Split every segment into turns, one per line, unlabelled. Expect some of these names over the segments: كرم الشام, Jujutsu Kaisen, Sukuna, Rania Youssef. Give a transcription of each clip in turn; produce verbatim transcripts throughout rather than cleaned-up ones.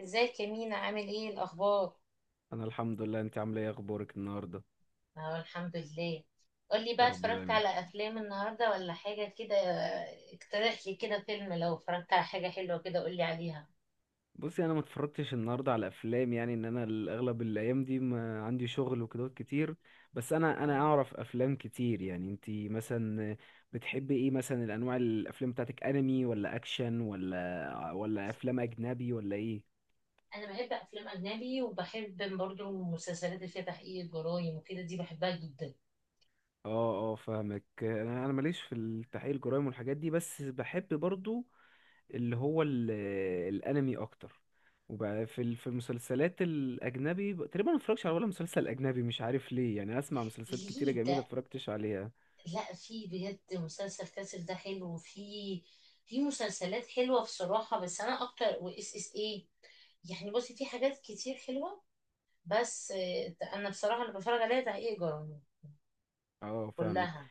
ازيك يا مينا؟ عامل ايه الاخبار؟
انا الحمد لله، انت عامله ايه؟ اخبارك النهارده؟
اه، الحمد لله. قولي
يا
بقى،
رب
اتفرجت
دايما.
على افلام النهارده ولا حاجه كده؟ اقترح لي كده فيلم، لو اتفرجت على حاجه حلوه كده قولي عليها.
بصي، انا ما اتفرجتش النهارده على افلام، يعني ان انا الاغلب الايام دي ما عندي شغل وكده كتير. بس انا انا
اه،
اعرف افلام كتير. يعني انت مثلا بتحبي ايه؟ مثلا الانواع الافلام بتاعتك انمي ولا اكشن ولا ولا افلام اجنبي ولا ايه؟
انا بحب افلام اجنبي، وبحب برضو المسلسلات اللي فيها تحقيق الجرايم وكده، دي بحبها جدا.
اه اه، فاهمك. انا انا ماليش في التحقيق الجرائم والحاجات دي، بس بحب برضو اللي هو ال- الانمي اكتر. وبقى في ال- في المسلسلات الاجنبي ب- تقريبا ما اتفرجش على ولا مسلسل اجنبي، مش عارف ليه. يعني اسمع مسلسلات كتيره
ليه ده؟
جميله اتفرجتش عليها.
لا، في بجد مسلسل كاسل ده حلو، وفي في مسلسلات حلوه بصراحه، بس انا اكتر واس اس ايه، يعني بصي في حاجات كتير حلوه. بس آه، انا بصراحه اللي بتفرج عليها تحقيق جرامي
اه فاهمك.
كلها.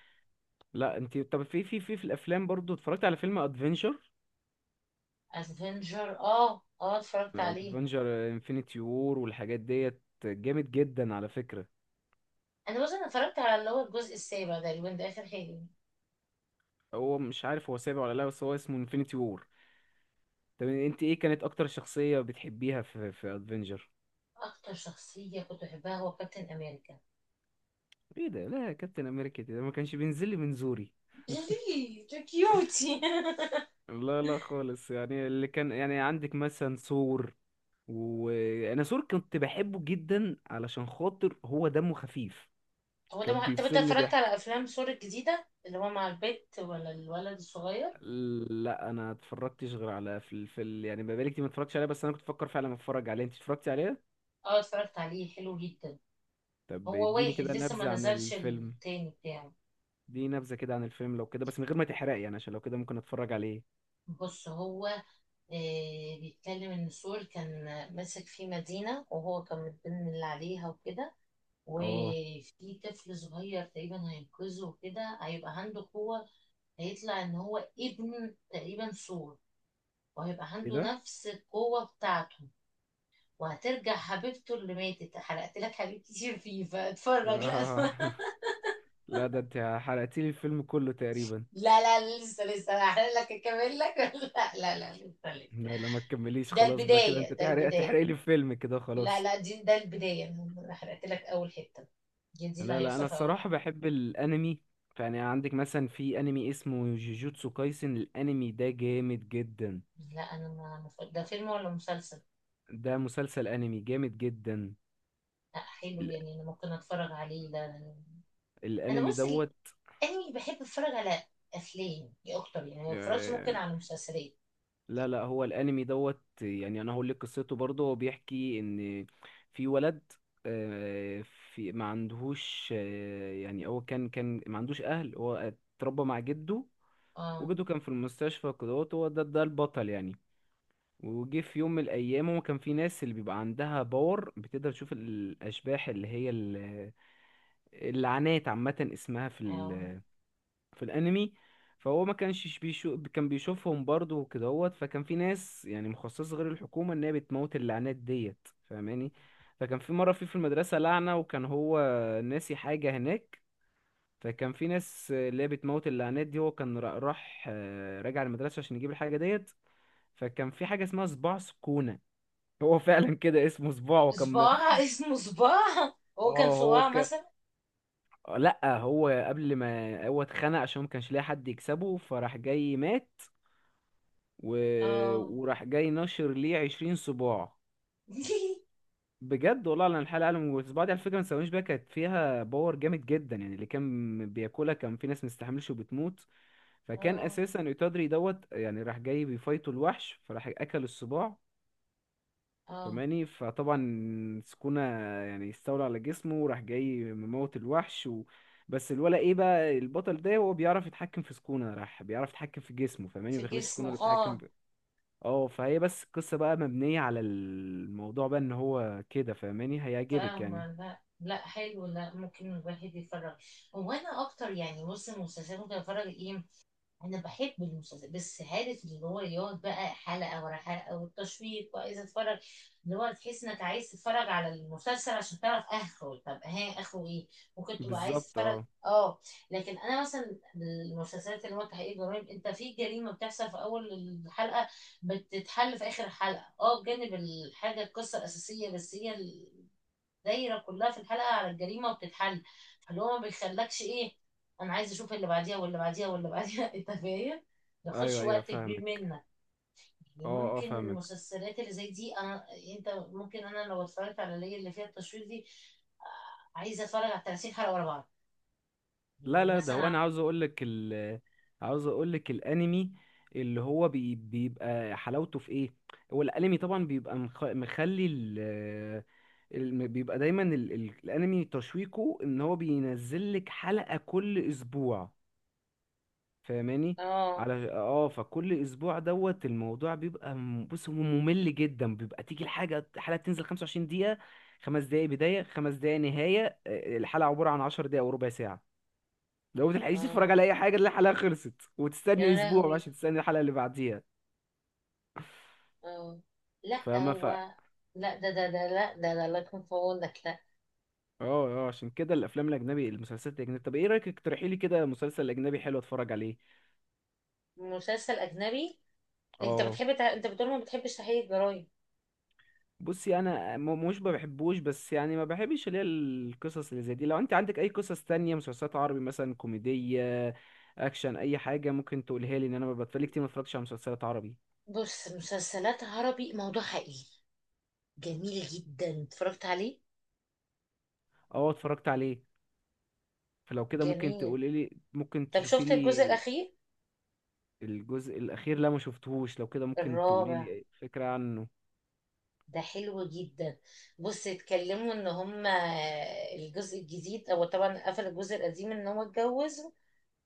لا انت طب في في في في الافلام برضو اتفرجت على فيلم ادفنجر.
افنجر، اه اه اتفرجت عليه.
ادفنجر انفينيتي وور والحاجات ديت جامد جدا على فكره.
انا بص، انا اتفرجت على اللي هو الجزء السابع ده، اللي ده اخر حاجه.
هو مش عارف هو سابع ولا لا، بس هو اسمه انفينيتي وور. طب انت ايه كانت اكتر شخصيه بتحبيها في في ادفنجر؟
اكتر شخصيه كنت بحبها هو كابتن امريكا.
ايه ده؟ لا كابتن امريكا ده ما كانش بينزل لي من زوري.
ليه ده؟ كيوتي.
لا لا خالص. يعني اللي كان يعني عندك مثلا سور، وانا سور كنت بحبه جدا علشان خاطر هو دمه خفيف.
هو ده
كان
مح... طب انت
بيفصل لي
اتفرجت
ضحك.
على افلام سور الجديده اللي هو مع البت ولا الولد الصغير؟
لا انا اتفرجتش غير على في ال... في ال... يعني بقالي كتير ما اتفرجتش عليه، بس انا كنت بفكر فعلا اتفرج عليه. انت اتفرجتي عليه؟
اه اتفرجت عليه، حلو جدا.
طب
هو
اديني
واحد
كده
لسه ما
نبذة عن
نزلش
الفيلم.
التاني بتاعه.
دي نبذة كده عن الفيلم، لو كده بس من غير ما تحرقي يعني، عشان لو كده ممكن اتفرج عليه.
بص هو، آه، بيتكلم ان سول كان ماسك في مدينة، وهو كان متضمن اللي عليها وكده،
اه.
وفي طفل صغير تقريبا هينقذه، وكده هيبقى عنده قوة. هيطلع ان هو ابن تقريبا سول، وهيبقى
ايه
عنده
ده؟
نفس القوة بتاعته. وهترجع حبيبته اللي ماتت. حرقت لك حاجات كتير فيه، فاتفرج لا
آه.
اتفرج.
لا ده انت حرقتيلي الفيلم كله تقريبا.
لا لا لسه لسه هحرق لك، اكمل لك. لا لا لا لسه لسه.
لا لا ما تكمليش
ده
خلاص بقى كده. انت
البداية ده
تحرق
البداية
تحرق لي فيلم كده
لا
خلاص.
لا دي ده البداية. أنا حرقت لك أول حتة، دي دي اللي
لا لا، انا
هيحصل في أول حتة.
الصراحة بحب الانمي. يعني عندك مثلا في انمي اسمه جوجوتسو كايسن، الانمي ده جامد جدا.
لا، أنا ما ما ف- ده فيلم ولا مسلسل؟
ده مسلسل انمي جامد جدا.
لا حلو،
ال-
يعني أنا ممكن أتفرج عليه ده. أنا أنا
الانمي
بص ال-
دوت.
أنمي بحب أتفرج على أفلام دي أكتر، يعني ما بتفرجش ممكن
آه،
على مسلسلات.
لا لا، هو الانمي دوت يعني انا هقول لك قصته برضه. هو بيحكي ان في ولد، آه، في ما عندهوش، آه، يعني هو كان كان ما عندوش اهل. هو اتربى مع جده،
آه.
وجده كان في المستشفى كده. هو ده ده البطل يعني. وجه في يوم من الايام، هو كان في ناس اللي بيبقى عندها باور بتقدر تشوف الاشباح اللي هي ال- اللعنات عامه اسمها في
آه.
ال... في الانمي. فهو ما كانش بيشوف، كان بيشوفهم برضه وكده. هوت فكان في ناس يعني مخصصه غير الحكومه ان هي بتموت اللعنات ديت، فاهماني؟ فكان في مره في في المدرسه لعنه، وكان هو ناسي حاجه هناك. فكان في ناس اللي هي بتموت اللعنات دي. هو كان را- راح آه، راجع المدرسه عشان يجيب الحاجه ديت. فكان في حاجة اسمها صباع سكونة. هو فعلا كده اسمه صباع، وكان.
صباع اسمه صباع؟ هو كان
اه هو
صباع
كان.
مثلا؟
لا هو قبل ما هو اتخنق عشان ما كانش لاقي حد يكسبه، فراح جاي مات. و...
آه.
وراح جاي نشر ليه عشرين صباع. بجد والله، انا الحلقة قالوا والصباع دي على فكرة ما تسويش بيها، كانت فيها باور جامد جدا. يعني اللي كان بياكلها كان في ناس مستحملش وبتموت. فكان
آه.
اساسا يتدري دوت يعني راح جاي بيفايتوا الوحش، فراح اكل الصباع.
آه.
فماني فطبعا سكونة يعني استولى على جسمه، وراح جاي مموت الوحش و... بس الولا ايه بقى، البطل ده هو بيعرف يتحكم في سكونة، راح بيعرف يتحكم في جسمه، فماني ما
في
بيخليش سكونة
جسمه،
اللي بتتحكم
آه.
في. اه. فهي بس القصة بقى مبنية على الموضوع بقى ان هو كده، فماني هيعجبك يعني.
فاهمة. لا لا حلو، لا ممكن الواحد يتفرج. هو انا اكتر، يعني بص المسلسلات ممكن اتفرج ايه. انا بحب المسلسلات، بس عارف اللي هو يقعد بقى حلقة ورا حلقة، والتشويق وعايز اتفرج. اللي هو تحس انك عايز تتفرج على المسلسل عشان تعرف اخره. طب ها اخره ايه؟ ممكن تبقى عايز
بالظبط
تتفرج،
اه.
اه. لكن انا مثلا المسلسلات اللي هو تحقيق جرائم، انت في جريمة بتحصل في اول الحلقة، بتتحل في اخر حلقة، اه. بجانب الحاجة القصة الاساسية، بس هي دايره كلها في الحلقه على الجريمه وبتتحل. فاللي هو ما بيخلكش ايه، انا عايز اشوف اللي بعديها واللي بعديها واللي بعديها. انت فاهم، ما ياخدش
ايوه ايوه
وقت كبير
فاهمك.
منك. يعني
اه اه
ممكن
فاهمك.
المسلسلات اللي زي دي، انا انت ممكن انا لو اتفرجت على اللي هي اللي فيها التشويق دي، آه، عايزه اتفرج على تلاتين حلقه ورا بعض،
لا
يعني
لا، ده هو انا
مثلا.
عاوز اقول لك ال عاوز اقول لك الانمي اللي هو بي بيبقى حلاوته في ايه. هو الانمي طبعا بيبقى مخ- مخلي ال الم- بيبقى دايما ال... ال... الانمي تشويقه ان هو بينزل لك حلقة كل اسبوع، فاهماني؟
اه.
على اه. فكل اسبوع دوت الموضوع بيبقى م- بص هو ممل جدا. بيبقى تيجي الحاجة الحلقة تنزل خمسة وعشرين دقيقة، خمس دقايق بداية، خمس دقايق نهاية، آه، الحلقة عبارة عن عشر دقايق وربع ساعة. لو بتلحقيش
اه.
تتفرج على اي حاجه تلاقي الحلقه خلصت، وتستني
يا
اسبوع بقى
لهوي.
عشان تستني الحلقه اللي بعديها،
اه. لا
فاهمه؟ ف اه.
هو، لا ده ده ده لا ده ده الله يكون في عونك. لا،
اه عشان كده الافلام الاجنبي، المسلسلات الاجنبي، طب ايه رايك اقترحي لي كده مسلسل اجنبي حلو اتفرج عليه.
مسلسل اجنبي. انت
اه.
بتحب تع... انت بتقول ما بتحبش تحقيق الجرايم.
بصي انا م- مش ما بحبوش، بس يعني ما بحبش اللي هي القصص اللي زي دي. لو انت عندك اي قصص تانية مسلسلات عربي مثلا، كوميدية، اكشن، اي حاجة ممكن تقولها لي. ان انا بتفرج كتير ما اتفرجتش على مسلسلات عربي.
بص، مسلسلات عربي موضوع حقيقي جميل جدا، اتفرجت عليه.
اه اتفرجت عليه. فلو كده ممكن
جميل.
تقولي لي، ممكن
طب
تشوفي
شفت
لي.
الجزء الأخير؟
الجزء الأخير؟ لا ما شفتهوش. لو كده ممكن تقولي
الرابع
لي فكرة عنه.
ده حلو جدا. بص، اتكلموا ان هما الجزء الجديد، هو طبعا قفل الجزء القديم ان هو اتجوز.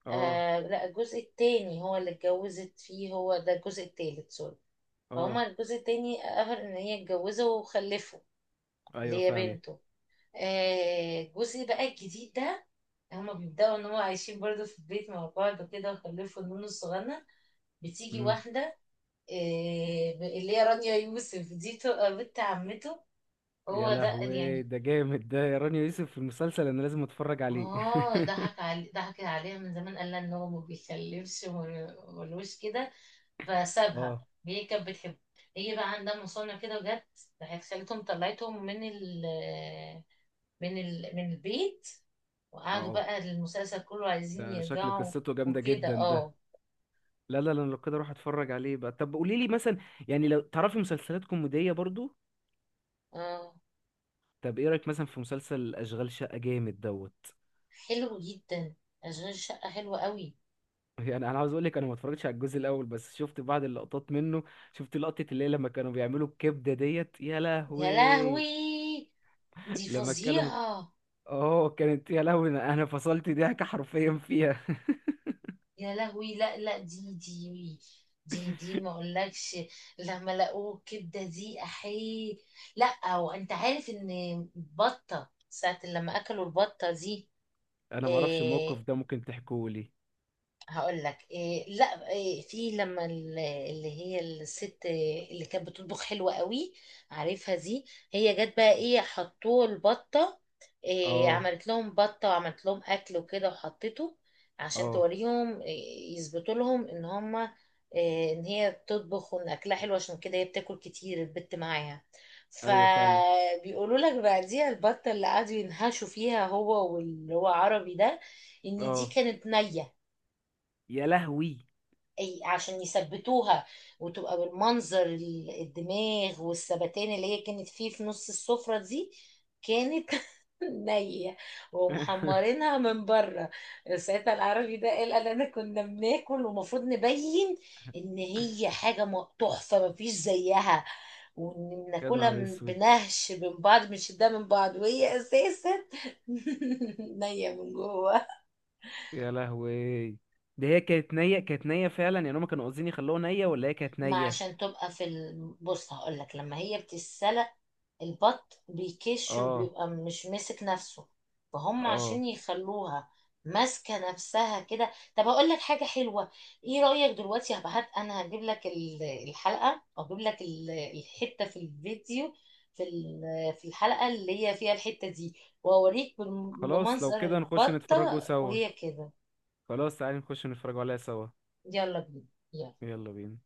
اه.
آه لا، الجزء التاني هو اللي اتجوزت فيه، هو ده الجزء التالت، سوري.
اه.
فهما الجزء التاني قفل ان هي اتجوزه وخلفه، اللي
ايوه
هي
فاهمك.
بنته. آه، جوزي بقى الجديد ده، هما بيبدأوا ان هو عايشين برضه في البيت مع بعض كده، وخلفوا النونو الصغنن. بتيجي
امم.
واحدة، آه، اللي هي رانيا يوسف دي، تبقى بنت عمته
يا
هو ده
لهوي،
يعني.
ده جامد ده، يا رانيا يوسف في المسلسل، انا لازم اتفرج عليه.
اه، ضحك علي ضحك عليها من زمان، قال لها ان هو ما بيخلفش، وما- ملوش كده، فسابها.
اه
هي كانت بتحبه، هي بقى عندها مصنع كده، وجت راحت خالتهم طلعتهم من ال من ال... من البيت. وقعدوا
اه.
بقى المسلسل كله عايزين
ده شكل
يرجعوا
قصته جامدة
وكده،
جدا
اه.
ده. لا لا لا، أنا لو كده اروح اتفرج عليه بقى. طب قولي لي مثلا، يعني لو تعرفي مسلسلات كوميدية برضو.
اه،
طب ايه رأيك مثلا في مسلسل اشغال شقة؟ جامد دوت.
حلو جدا. اشغال شقة حلوة قوي.
يعني انا عاوز اقول لك، انا ما اتفرجتش على الجزء الاول، بس شفت بعض اللقطات منه. شفت لقطه اللي هي لما كانوا بيعملوا الكبده ديت، يا
يا
لهوي.
لهوي، دي
لما اتكلم.
فظيعة.
اه كانت يا لهوي، انا أنا فصلت ضحك حرفيا فيها.
يا لهوي، لا لا دي دي دي دي ما اقولكش. لما لقوه الكبدة دي، احيه. لا، وانت عارف ان بطة ساعة لما اكلوا البطة دي،
انا ما اعرفش الموقف
آه،
ده، ممكن تحكوه لي.
هقول لك إيه. لا إيه، في لما ال- اللي هي الست اللي كانت بتطبخ حلوة قوي، عارفها دي، هي جت بقى ايه، حطوه البطة إيه.
اه.
عملت لهم بطة وعملت لهم اكل وكده، وحطيته عشان
اه
توريهم إيه، يثبتوا لهم ان هما إيه، ان هي بتطبخ، وان اكلها حلو، عشان كده هي بتاكل كتير البت معاها.
ايوه فاهمك.
فبيقولوا لك بقى دي البطة اللي قعدوا ينهشوا فيها هو واللي هو عربي ده، ان دي
اه
كانت نية.
يا لهوي.
أي- عشان يثبتوها وتبقى بالمنظر ال- الدماغ والثبتان اللي هي كانت فيه في نص السفرة دي، كانت نية، ومحمرينها من بره. ساعتها العربي ده قال، قال انا كنا بناكل، ومفروض نبين ان هي حاجة م- تحفة مفيش زيها، وان
يا
بناكلها
نهار
من-
اسود.
بنهش من بعض، مش ده من بعض، وهي اساسا نية من جوه.
يا لهوي. ده هي كانت نية؟ كانت نية فعلا، يعني هما كانوا قاصدين يخلوها نية ولا هي كانت
ما
نية؟
عشان تبقى في ال... بص هقول لك، لما هي بتتسلق البط بيكش،
اه.
وبيبقى مش ماسك نفسه، فهم
اه.
عشان يخلوها ماسكه نفسها كده. طب اقول لك حاجه حلوه، ايه رايك دلوقتي هبعت، انا هجيب لك ال- الحلقه، او هجيب لك ال- الحته في الفيديو، في ال- في الحلقه اللي هي فيها الحته دي، واوريك بم-
خلاص لو
بمنظر
كده نخش نتفرجوا
البطه
سوا.
وهي كده.
خلاص تعالي نخش نتفرجوا عليها سوا.
يلا بينا، يلا.
يلا بينا.